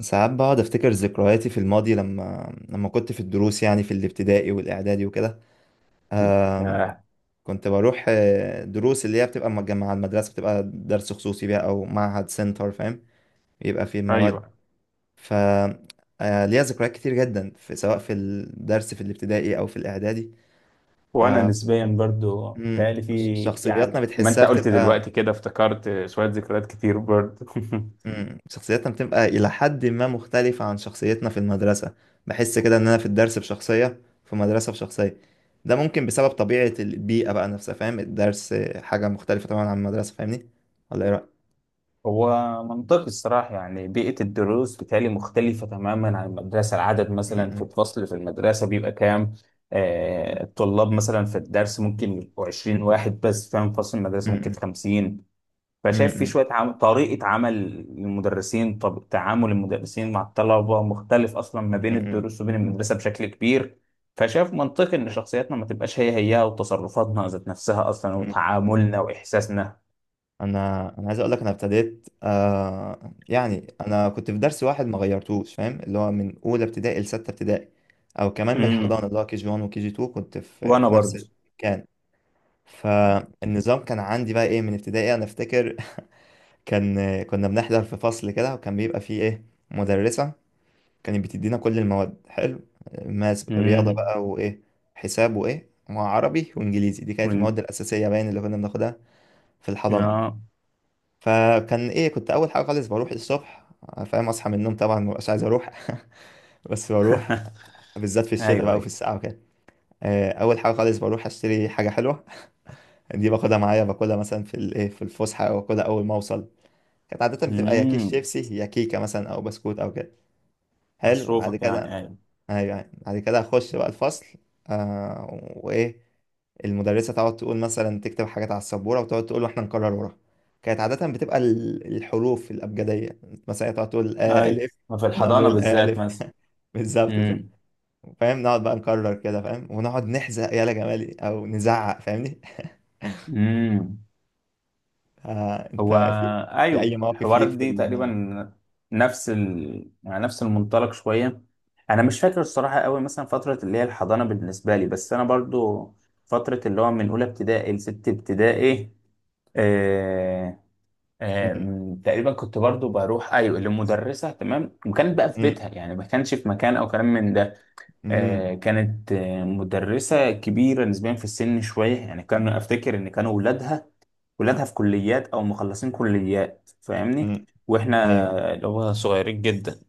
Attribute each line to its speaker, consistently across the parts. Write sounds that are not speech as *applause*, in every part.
Speaker 1: ساعات بقعد افتكر ذكرياتي في الماضي لما كنت في الدروس، يعني في الابتدائي والاعدادي وكده. آم،
Speaker 2: ياه!
Speaker 1: كنت بروح دروس اللي هي بتبقى مجمعة مع المدرسة، بتبقى درس خصوصي بقى او معهد سنتر، فاهم. بيبقى فيه المواد.
Speaker 2: ايوه،
Speaker 1: ف آه، ليا ذكريات كتير جدا سواء في الدرس في الابتدائي او في الاعدادي.
Speaker 2: وانا نسبيا برضو
Speaker 1: مم،
Speaker 2: بتهيألي في،
Speaker 1: شخصياتنا
Speaker 2: يعني ما
Speaker 1: بتحسها
Speaker 2: انت قلت
Speaker 1: بتبقى.
Speaker 2: دلوقتي كده افتكرت شويه ذكريات كتير برضو. *laughs*
Speaker 1: مم. شخصيتنا بتبقى إلى حد ما مختلفة عن شخصيتنا في المدرسة. بحس كده إن أنا في الدرس بشخصية، في مدرسة بشخصية. ده ممكن بسبب طبيعة البيئة بقى نفسها، فاهم. الدرس حاجة مختلفة طبعا عن المدرسة، فاهمني. ولا إيه رأيك؟
Speaker 2: هو منطقي الصراحه، يعني بيئه الدروس بتهيألي مختلفه تماما عن المدرسه. العدد مثلا في
Speaker 1: مم.
Speaker 2: الفصل في المدرسه بيبقى كام؟ الطلاب مثلا في الدرس ممكن يبقوا 20 واحد بس، فاهم؟ فصل المدرسه ممكن
Speaker 1: مم.
Speaker 2: 50. فشايف في
Speaker 1: مم.
Speaker 2: شوية طريقة عمل المدرسين. طب تعامل المدرسين مع الطلبة مختلف أصلا ما بين
Speaker 1: مم.
Speaker 2: الدروس وبين المدرسة بشكل كبير. فشايف منطقي إن شخصياتنا ما تبقاش هي هي، وتصرفاتنا ذات نفسها أصلا،
Speaker 1: مم.
Speaker 2: وتعاملنا وإحساسنا.
Speaker 1: أنا عايز أقول لك، أنا ابتديت يعني أنا كنت في درس واحد ما غيرتوش، فاهم، اللي هو من أولى ابتدائي لستة ابتدائي. أو كمان من الحضانة
Speaker 2: امم.
Speaker 1: اللي هو KG1 وKG2، كنت في
Speaker 2: وأنا
Speaker 1: نفس
Speaker 2: برضه.
Speaker 1: المكان. فالنظام كان عندي بقى ايه من ابتدائي انا افتكر. *laughs* كنا بنحضر في فصل كده، وكان بيبقى فيه ايه، مدرسة كانت بتدينا كل المواد. حلو. ماس، رياضة
Speaker 2: امم.
Speaker 1: بقى، وايه، حساب، وايه، وعربي وانجليزي. دي كانت المواد
Speaker 2: من...
Speaker 1: الأساسية باين اللي كنا بناخدها في الحضانة.
Speaker 2: آه.
Speaker 1: فكان ايه، كنت اول حاجة خالص بروح الصبح، فاهم، اصحى من النوم، طبعا مبقاش عايز اروح. *laughs* بس بروح،
Speaker 2: *laughs*
Speaker 1: بالذات في الشتاء
Speaker 2: أيوه،
Speaker 1: بقى وفي
Speaker 2: أيوه.
Speaker 1: الساعة وكده. اول حاجة خالص بروح اشتري حاجة حلوة. *laughs* دي باخدها معايا، باكلها مثلا في الايه، في الفسحة، او باكلها اول ما اوصل. كانت عادة بتبقى يا كيس
Speaker 2: امم.
Speaker 1: شيبسي، يا كيكة مثلا، أو بسكوت أو كده. حلو بعد
Speaker 2: مصروفك، يعني؟
Speaker 1: كده.
Speaker 2: أيوه.
Speaker 1: أيوة يعني. بعد كده أخش بقى الفصل. وإيه، المدرسة تقعد تقول، مثلا تكتب حاجات على السبورة وتقعد تقول وإحنا نكرر وراها. كانت عادة بتبقى الحروف الأبجدية. مثلا هي تقعد تقول
Speaker 2: أيوه،
Speaker 1: ألف،
Speaker 2: في
Speaker 1: أنا
Speaker 2: الحضانة
Speaker 1: نقول
Speaker 2: بالذات
Speaker 1: ألف،
Speaker 2: مثلا.
Speaker 1: *laughs* بالظبط بالظبط.
Speaker 2: امم،
Speaker 1: فاهم، نقعد بقى نكرر كده، فاهم، ونقعد نحزق يالا جمالي أو نزعق، فاهمني.
Speaker 2: امم.
Speaker 1: *laughs* آه أنت،
Speaker 2: هو
Speaker 1: في أي
Speaker 2: ايوه،
Speaker 1: مواقف
Speaker 2: الحوارات
Speaker 1: ليك في
Speaker 2: دي تقريبا يعني نفس المنطلق شويه. انا مش فاكر الصراحه قوي مثلا فتره اللي هي الحضانه بالنسبه لي، بس انا برضو فتره اللي هو من اولى ابتدائي لست ابتدائي. آه...
Speaker 1: م-
Speaker 2: تقريبا كنت برضو بروح، ايوه، لمدرسه، تمام، وكانت بقى في
Speaker 1: م-
Speaker 2: بيتها يعني، ما كانش في مكان او كلام من ده.
Speaker 1: م-
Speaker 2: كانت مدرسة كبيرة نسبيا في السن شوية، يعني كان أفتكر إن كانوا ولادها في كليات أو مخلصين كليات، فاهمني؟
Speaker 1: م- ايوه.
Speaker 2: وإحنا اللي هو صغيرين جدا.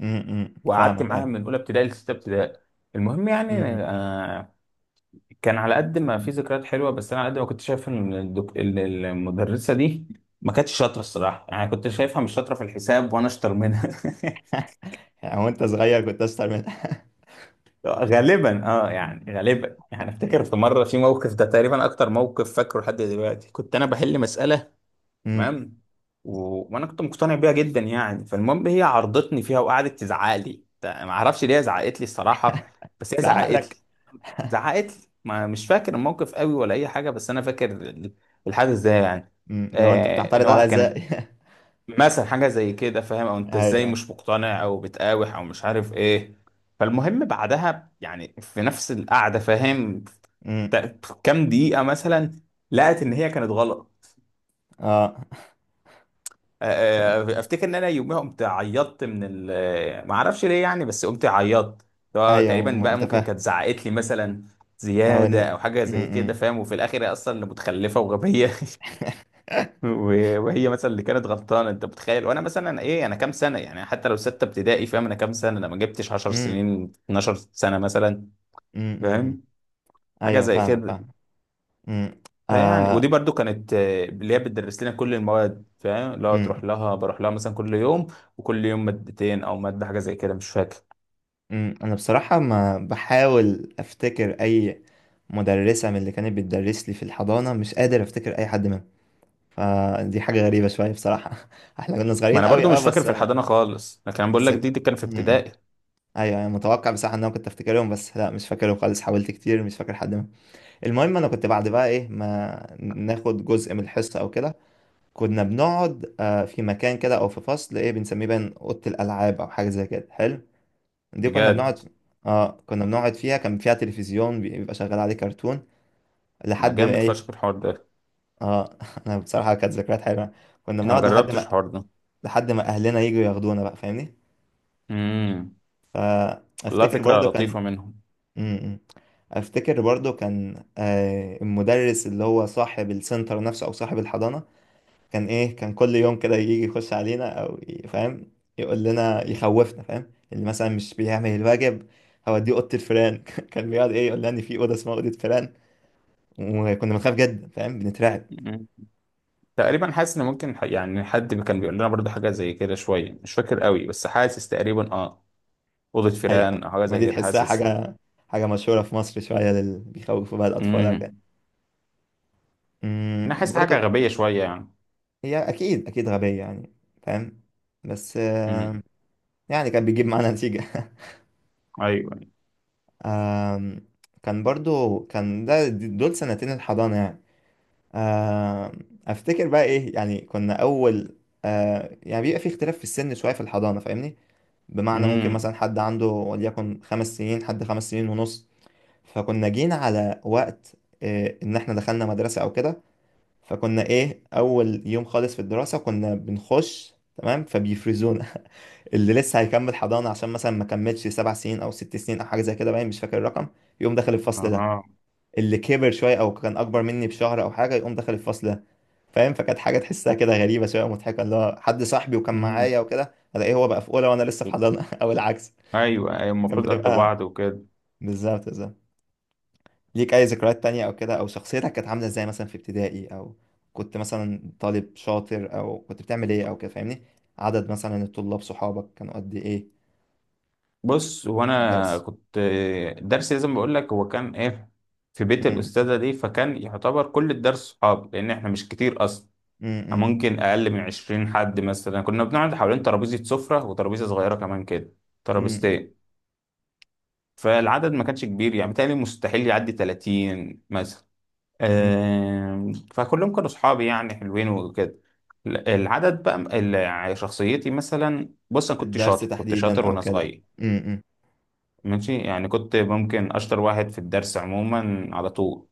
Speaker 2: وقعدت
Speaker 1: فاهمك
Speaker 2: معاها
Speaker 1: ايوه.
Speaker 2: من أولى ابتدائي لستة ابتدائي. المهم
Speaker 1: امم
Speaker 2: يعني،
Speaker 1: امم.
Speaker 2: كان على قد ما في ذكريات حلوة، بس أنا على قد ما كنت شايف إن المدرسة دي ما كانتش شاطرة الصراحة، يعني كنت شايفها مش شاطرة في الحساب وأنا أشطر منها. *laughs*
Speaker 1: يعني هو انت صغير كنت اشطر منها.
Speaker 2: غالبا اه، يعني غالبا، يعني افتكر في مره في موقف، ده تقريبا اكتر موقف فاكره لحد دلوقتي. كنت انا بحل مساله،
Speaker 1: *laughs* امم.
Speaker 2: تمام، و... وانا كنت مقتنع بيها جدا يعني. فالمهم هي عرضتني فيها، وقعدت تزعق لي، ما اعرفش ليه هي زعقت لي الصراحه، بس هي
Speaker 1: تزعق
Speaker 2: زعقت لي
Speaker 1: لك.
Speaker 2: زعقت لي ما مش فاكر الموقف قوي ولا اي حاجه، بس انا فاكر الحدث ده يعني،
Speaker 1: امم. لو انت
Speaker 2: ان
Speaker 1: بتعترض عليا
Speaker 2: هو
Speaker 1: ازاي.
Speaker 2: كانت
Speaker 1: *laughs*
Speaker 2: مثلا حاجة زي كده، فاهم؟ او انت ازاي
Speaker 1: ايوه.
Speaker 2: مش مقتنع، او بتقاوح، او مش عارف ايه. فالمهم بعدها يعني في نفس القعدة، فاهم؟
Speaker 1: امم.
Speaker 2: كام دقيقة مثلا لقت ان هي كانت غلط.
Speaker 1: اه فاهم.
Speaker 2: افتكر ان انا يوميها قمت عيطت من ما اعرفش ليه يعني، بس قمت عيطت. هو
Speaker 1: ايوه
Speaker 2: تقريبا بقى ممكن
Speaker 1: متفاهم.
Speaker 2: كانت زعقت لي مثلا
Speaker 1: او ان.
Speaker 2: زيادة، او حاجة
Speaker 1: امم.
Speaker 2: زي
Speaker 1: امم.
Speaker 2: كده، فاهم؟ وفي الاخر هي اصلا اللي متخلفة وغبية. *laughs*
Speaker 1: *laughs*
Speaker 2: وهي مثلا اللي كانت غلطانه. انت متخيل؟ وانا مثلا ايه، انا كام سنه يعني؟ حتى لو سته ابتدائي، فاهم انا كام سنه؟ انا ما جبتش 10
Speaker 1: امم
Speaker 2: سنين، 12 سنه مثلا.
Speaker 1: امم، امم، امم.
Speaker 2: فاهم، حاجه
Speaker 1: ايوه
Speaker 2: زي
Speaker 1: فاهمك
Speaker 2: كده.
Speaker 1: فاهم. امم.
Speaker 2: فيعني
Speaker 1: آه.
Speaker 2: ودي برضو كانت اللي هي بتدرس لنا كل المواد، فاهم؟ اللي هو تروح
Speaker 1: امم.
Speaker 2: لها بروح لها مثلا كل يوم، وكل يوم مادتين او ماده، حاجه زي كده، مش فاكر.
Speaker 1: امم، انا بصراحه ما بحاول افتكر اي مدرسه من اللي كانت بتدرس لي في الحضانه، مش قادر افتكر اي حد منهم. فدي حاجة غريبة شوية بصراحة. *laughs* احنا كنا
Speaker 2: ما
Speaker 1: صغيرين
Speaker 2: انا
Speaker 1: قوي،
Speaker 2: برضو
Speaker 1: اه
Speaker 2: مش فاكر
Speaker 1: بس
Speaker 2: في
Speaker 1: انا
Speaker 2: الحضانه خالص، لكن انا بقول
Speaker 1: بس.
Speaker 2: لك دي كان في
Speaker 1: امم.
Speaker 2: ابتدائي.
Speaker 1: ايوه انا متوقع بصراحة ان انا كنت افتكرهم، بس لا مش فاكرهم خالص، حاولت كتير مش فاكر حد منهم. المهم انا كنت بعد بقى ايه ما ناخد جزء من الحصة او كده، كنا بنقعد في مكان كده او في فصل ايه بنسميه بقى اوضة الالعاب او حاجة زي كده. حلو. دي كنا
Speaker 2: بجد؟
Speaker 1: بنقعد، اه كنا بنقعد فيها، كان فيها تلفزيون بيبقى شغال عليه كرتون،
Speaker 2: ما
Speaker 1: لحد ما
Speaker 2: جامد
Speaker 1: ايه.
Speaker 2: فشخ الحوار ده.
Speaker 1: اه *laughs* انا بصراحة كانت ذكريات حلوة. كنا
Speaker 2: انا ما
Speaker 1: بنقعد لحد
Speaker 2: جربتش
Speaker 1: ما
Speaker 2: الحوار ده.
Speaker 1: لحد ما اهلنا يجوا ياخدونا بقى، فاهمني.
Speaker 2: امم. والله
Speaker 1: فافتكر
Speaker 2: فكره
Speaker 1: برضو كان
Speaker 2: لطيفه.
Speaker 1: م-. م. افتكر برضو كان المدرس اللي هو صاحب السنتر نفسه او صاحب الحضانة، كان ايه كان كل يوم كده يجي يخش علينا او فاهم، يقول لنا يخوفنا، فاهم، اللي مثلا مش بيعمل الواجب هوديه اوضه الفيران. *laughs* كان بيقعد ايه يقول لنا ان في اوضه اسمها اوضه فيران، وكنا بنخاف جدا، فاهم، بنترعب.
Speaker 2: منهم؟ تقريبا حاسس ان ممكن يعني حد كان بيقول لنا برضو حاجه زي كده شويه، مش فاكر قوي، بس حاسس تقريبا اه، اوضه
Speaker 1: حقيقة
Speaker 2: فيران او حاجه
Speaker 1: ما
Speaker 2: زي
Speaker 1: دي
Speaker 2: كده،
Speaker 1: تحسها
Speaker 2: حاسس.
Speaker 1: حاجه، حاجه مشهوره في مصر شويه اللي بيخوفوا بقى الاطفال او كده.
Speaker 2: امم. انا حاسس حاجه
Speaker 1: برضه
Speaker 2: غبيه شويه يعني.
Speaker 1: هي اكيد اكيد غبية يعني، فاهم. بس
Speaker 2: امم.
Speaker 1: يعني كان بيجيب معانا نتيجة. *laughs*
Speaker 2: ايوه.
Speaker 1: آم، كان برضو كان ده دول سنتين الحضانة يعني. آم، افتكر بقى ايه، يعني كنا اول يعني بيبقى في اختلاف في السن شوية في الحضانة، فاهمني. بمعنى ممكن مثلا
Speaker 2: امم.
Speaker 1: حد عنده وليكن 5 سنين، حد 5 سنين ونص. فكنا جينا على وقت ان احنا دخلنا مدرسة او كده. فكنا ايه اول يوم خالص في الدراسة كنا بنخش تمام فبيفرزونا. *laughs* اللي لسه هيكمل حضانة عشان مثلا ما كملش 7 سنين أو 6 سنين أو حاجة زي كده باين، مش فاكر الرقم، يقوم داخل الفصل ده.
Speaker 2: اه.
Speaker 1: اللي كبر شوية أو كان أكبر مني بشهر أو حاجة يقوم داخل الفصل ده، فاهم. فكانت حاجة تحسها كده غريبة شوية ومضحكة، اللي هو حد صاحبي وكان
Speaker 2: امم.
Speaker 1: معايا وكده ألاقيه هو بقى في أولى وأنا لسه في حضانة، *laughs* أو العكس.
Speaker 2: ايوه، ايوه،
Speaker 1: كانت
Speaker 2: المفروض قد
Speaker 1: بتبقى
Speaker 2: بعض وكده.
Speaker 1: بالظبط بالظبط. ليك أي ذكريات تانية أو كده، أو شخصيتك كانت عاملة إزاي مثلا في ابتدائي، أو كنت مثلا طالب شاطر أو كنت بتعمل إيه أو كده، فاهمني. عدد مثلا الطلاب صحابك كانوا قد إيه
Speaker 2: بص، هو
Speaker 1: في
Speaker 2: انا
Speaker 1: الدرس.
Speaker 2: كنت درسي لازم بقول لك هو كان ايه، في بيت الاستاذه دي، فكان يعتبر كل الدرس صحاب، لان احنا مش كتير اصلا،
Speaker 1: م- م-
Speaker 2: ممكن اقل من 20 حد مثلا. كنا بنقعد حوالين ترابيزه سفره وترابيزه صغيره كمان كده،
Speaker 1: م-
Speaker 2: ترابيزتين. فالعدد ما كانش كبير، يعني بالتالي مستحيل يعدي 30 مثلا.
Speaker 1: م-
Speaker 2: فكلهم كانوا اصحابي يعني، حلوين وكده. يعني شخصيتي مثلا، بص انا
Speaker 1: في
Speaker 2: كنت
Speaker 1: الدرس
Speaker 2: شاطر، كنت
Speaker 1: تحديدا
Speaker 2: شاطر
Speaker 1: او
Speaker 2: وانا
Speaker 1: كده.
Speaker 2: صغير،
Speaker 1: م- م-
Speaker 2: ماشي. يعني كنت ممكن اشطر واحد في الدرس عموما على طول،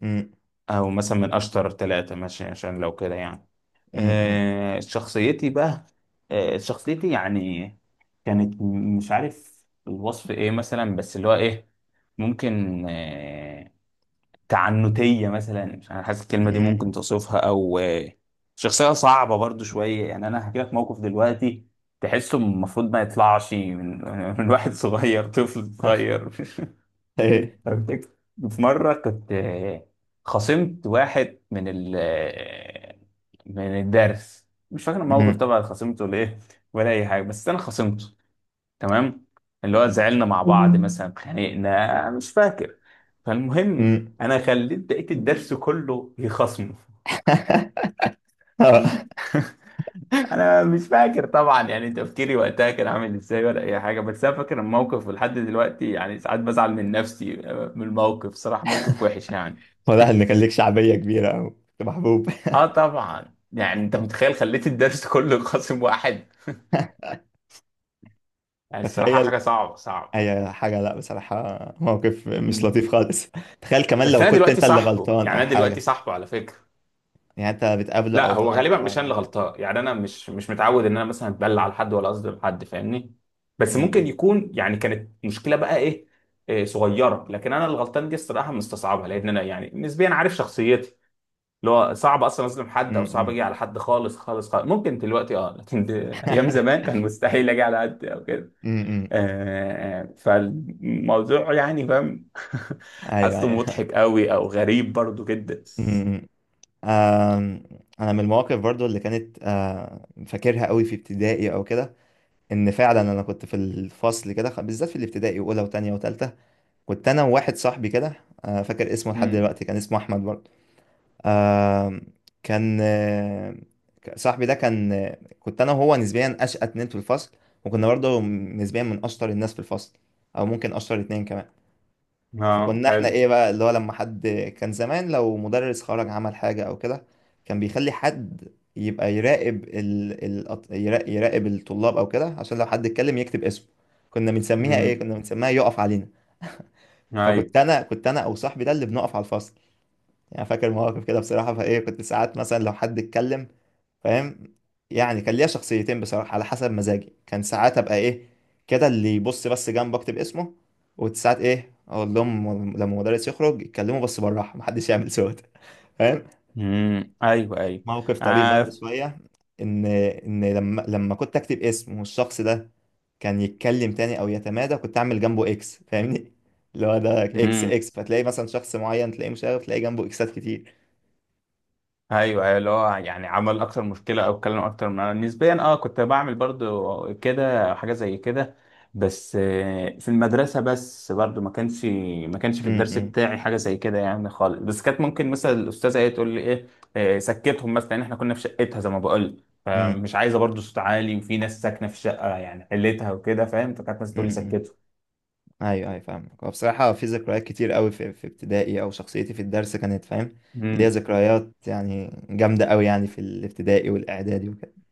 Speaker 1: م-
Speaker 2: او مثلا من اشطر ثلاثة، ماشي، عشان لو كده يعني.
Speaker 1: م-
Speaker 2: آه، شخصيتي بقى آه، شخصيتي يعني كانت مش عارف الوصف ايه مثلا، بس اللي هو ايه، ممكن تعنتية مثلا، مش انا حاسس
Speaker 1: م-
Speaker 2: الكلمة دي ممكن
Speaker 1: م.
Speaker 2: توصفها، او شخصية صعبة برضو شوية يعني. انا هحكي لك موقف دلوقتي تحسه المفروض ما يطلعش *laughs* من واحد صغير، طفل
Speaker 1: *laughs*
Speaker 2: صغير. *laughs*
Speaker 1: ايه.
Speaker 2: فبتك- في مرة كنت خصمت واحد من ال آه، من الدرس. مش فاكر الموقف
Speaker 1: م-.
Speaker 2: طبعا، خصمته ليه ولا أي حاجة، بس أنا خصمته. تمام. اللي هو زعلنا مع بعض، مثلا خانقنا مش فاكر. فالمهم
Speaker 1: م.
Speaker 2: أنا خليت بقية الدرس كله يخصمه. *laughs*
Speaker 1: *laughs*
Speaker 2: انا مش فاكر طبعا يعني تفكيري وقتها كان عامل ازاي ولا اي حاجه، بس انا فاكر الموقف. ولحد دلوقتي يعني ساعات بزعل من نفسي، من الموقف صراحه، موقف وحش يعني.
Speaker 1: واضح
Speaker 2: *laughs*
Speaker 1: ان كان ليك شعبيه كبيره او كنت محبوب.
Speaker 2: اه، طبعا، يعني انت متخيل؟ خليت الدرس كله قاسم واحد،
Speaker 1: *laughs*
Speaker 2: يعني الصراحه
Speaker 1: تخيل
Speaker 2: حاجه صعبه صعبه.
Speaker 1: اي حاجه، لا بصراحه موقف مش
Speaker 2: مم.
Speaker 1: لطيف خالص. *laughs* تخيل كمان
Speaker 2: بس
Speaker 1: لو
Speaker 2: انا
Speaker 1: كنت
Speaker 2: دلوقتي
Speaker 1: انت اللي
Speaker 2: صاحبه،
Speaker 1: غلطان
Speaker 2: يعني
Speaker 1: او
Speaker 2: انا دلوقتي
Speaker 1: حاجه.
Speaker 2: صاحبه على فكره.
Speaker 1: يعني انت بتقابله
Speaker 2: لا،
Speaker 1: او
Speaker 2: هو
Speaker 1: تعرفوا
Speaker 2: غالبا مش
Speaker 1: بعض
Speaker 2: انا
Speaker 1: او
Speaker 2: اللي
Speaker 1: كده.
Speaker 2: غلطان، يعني انا مش متعود ان انا مثلا اتبلع على حد ولا اصدم حد، فاهمني؟
Speaker 1: م-.
Speaker 2: بس ممكن
Speaker 1: م-.
Speaker 2: يكون يعني كانت مشكله بقى إيه صغيره، لكن انا الغلطان دي الصراحه مستصعبها، لان انا يعني نسبيا عارف شخصيتي، اللي هو صعب اصلا اظلم
Speaker 1: م-.
Speaker 2: حد، او صعب اجي
Speaker 1: م.
Speaker 2: على حد خالص خالص خالص. ممكن دلوقتي اه، لكن *laughs* ايام زمان
Speaker 1: *laughs*
Speaker 2: كان مستحيل اجي على حد او كده.
Speaker 1: م-. م.
Speaker 2: فالموضوع يعني فاهم. *laughs*
Speaker 1: ايوه
Speaker 2: حاسه
Speaker 1: ايوه.
Speaker 2: مضحك قوي او غريب برضو جدا.
Speaker 1: *laughs* م-. آم، انا من المواقف برضو اللي كانت فاكرها قوي في ابتدائي او كده، ان فعلا انا كنت في الفصل كده بالذات في الابتدائي اولى وتانية وتالتة، كنت انا وواحد صاحبي كده. فاكر اسمه لحد
Speaker 2: امم.
Speaker 1: دلوقتي، كان اسمه احمد برضو. آم، كان صاحبي ده كان، كنت انا وهو نسبيا اشقى اتنين في الفصل، وكنا برضو نسبيا من اشطر الناس في الفصل، او ممكن اشطر اتنين كمان.
Speaker 2: اه.
Speaker 1: فكنا احنا
Speaker 2: حلو.
Speaker 1: ايه بقى اللي هو لما حد، كان زمان لو مدرس خرج عمل حاجة او كده، كان بيخلي حد يبقى يراقب يراقب الطلاب او كده، عشان لو حد اتكلم يكتب اسمه. كنا بنسميها ايه،
Speaker 2: مم.
Speaker 1: كنا بنسميها يقف علينا.
Speaker 2: ايوه.
Speaker 1: فكنت انا او صاحبي ده اللي بنقف على الفصل. يعني فاكر مواقف كده بصراحة، فايه كنت ساعات مثلا لو حد اتكلم، فاهم. يعني كان ليا شخصيتين بصراحة على حسب مزاجي، كان ساعات ابقى ايه كده اللي يبص بس جنب اكتب اسمه، وساعات ايه اقول لهم لما المدرس يخرج يتكلموا بس بالراحة، *laughs* محدش يعمل صوت، فاهم.
Speaker 2: امم. ايوه، ايوه.
Speaker 1: موقف طريف برضه
Speaker 2: آه.
Speaker 1: شوية، ان لما كنت اكتب اسم والشخص ده كان يتكلم تاني او يتمادى، كنت اعمل جنبه اكس، فاهمني. اللي هو ده اكس
Speaker 2: امم.
Speaker 1: اكس، فتلاقي مثلا شخص معين تلاقيه مشاغب تلاقي جنبه اكسات كتير.
Speaker 2: ايوه، ايوه، اللي هو يعني عمل اكتر مشكله او اتكلم اكتر من نسبيا. اه، كنت بعمل برضو كده، حاجه زي كده، بس في المدرسه بس. برضو ما كانش في
Speaker 1: م-.
Speaker 2: الدرس
Speaker 1: م.
Speaker 2: بتاعي حاجه زي كده يعني خالص، بس كانت ممكن مثلا الاستاذه ايه تقول لي ايه، سكتهم مثلا، لان احنا كنا في شقتها زي ما بقول،
Speaker 1: امم
Speaker 2: فمش عايزه برضو صوت عالي، وفي ناس ساكنه في الشقه يعني حلتها وكده، فاهم؟ فكانت مثلا تقول لي
Speaker 1: امم.
Speaker 2: سكتهم.
Speaker 1: ايوه ايوه فاهمك. هو بصراحه في ذكريات كتير قوي في ابتدائي، او شخصيتي في الدرس كانت، فاهم،
Speaker 2: امم.
Speaker 1: ليها ذكريات يعني جامده قوي يعني في الابتدائي والاعدادي وكده.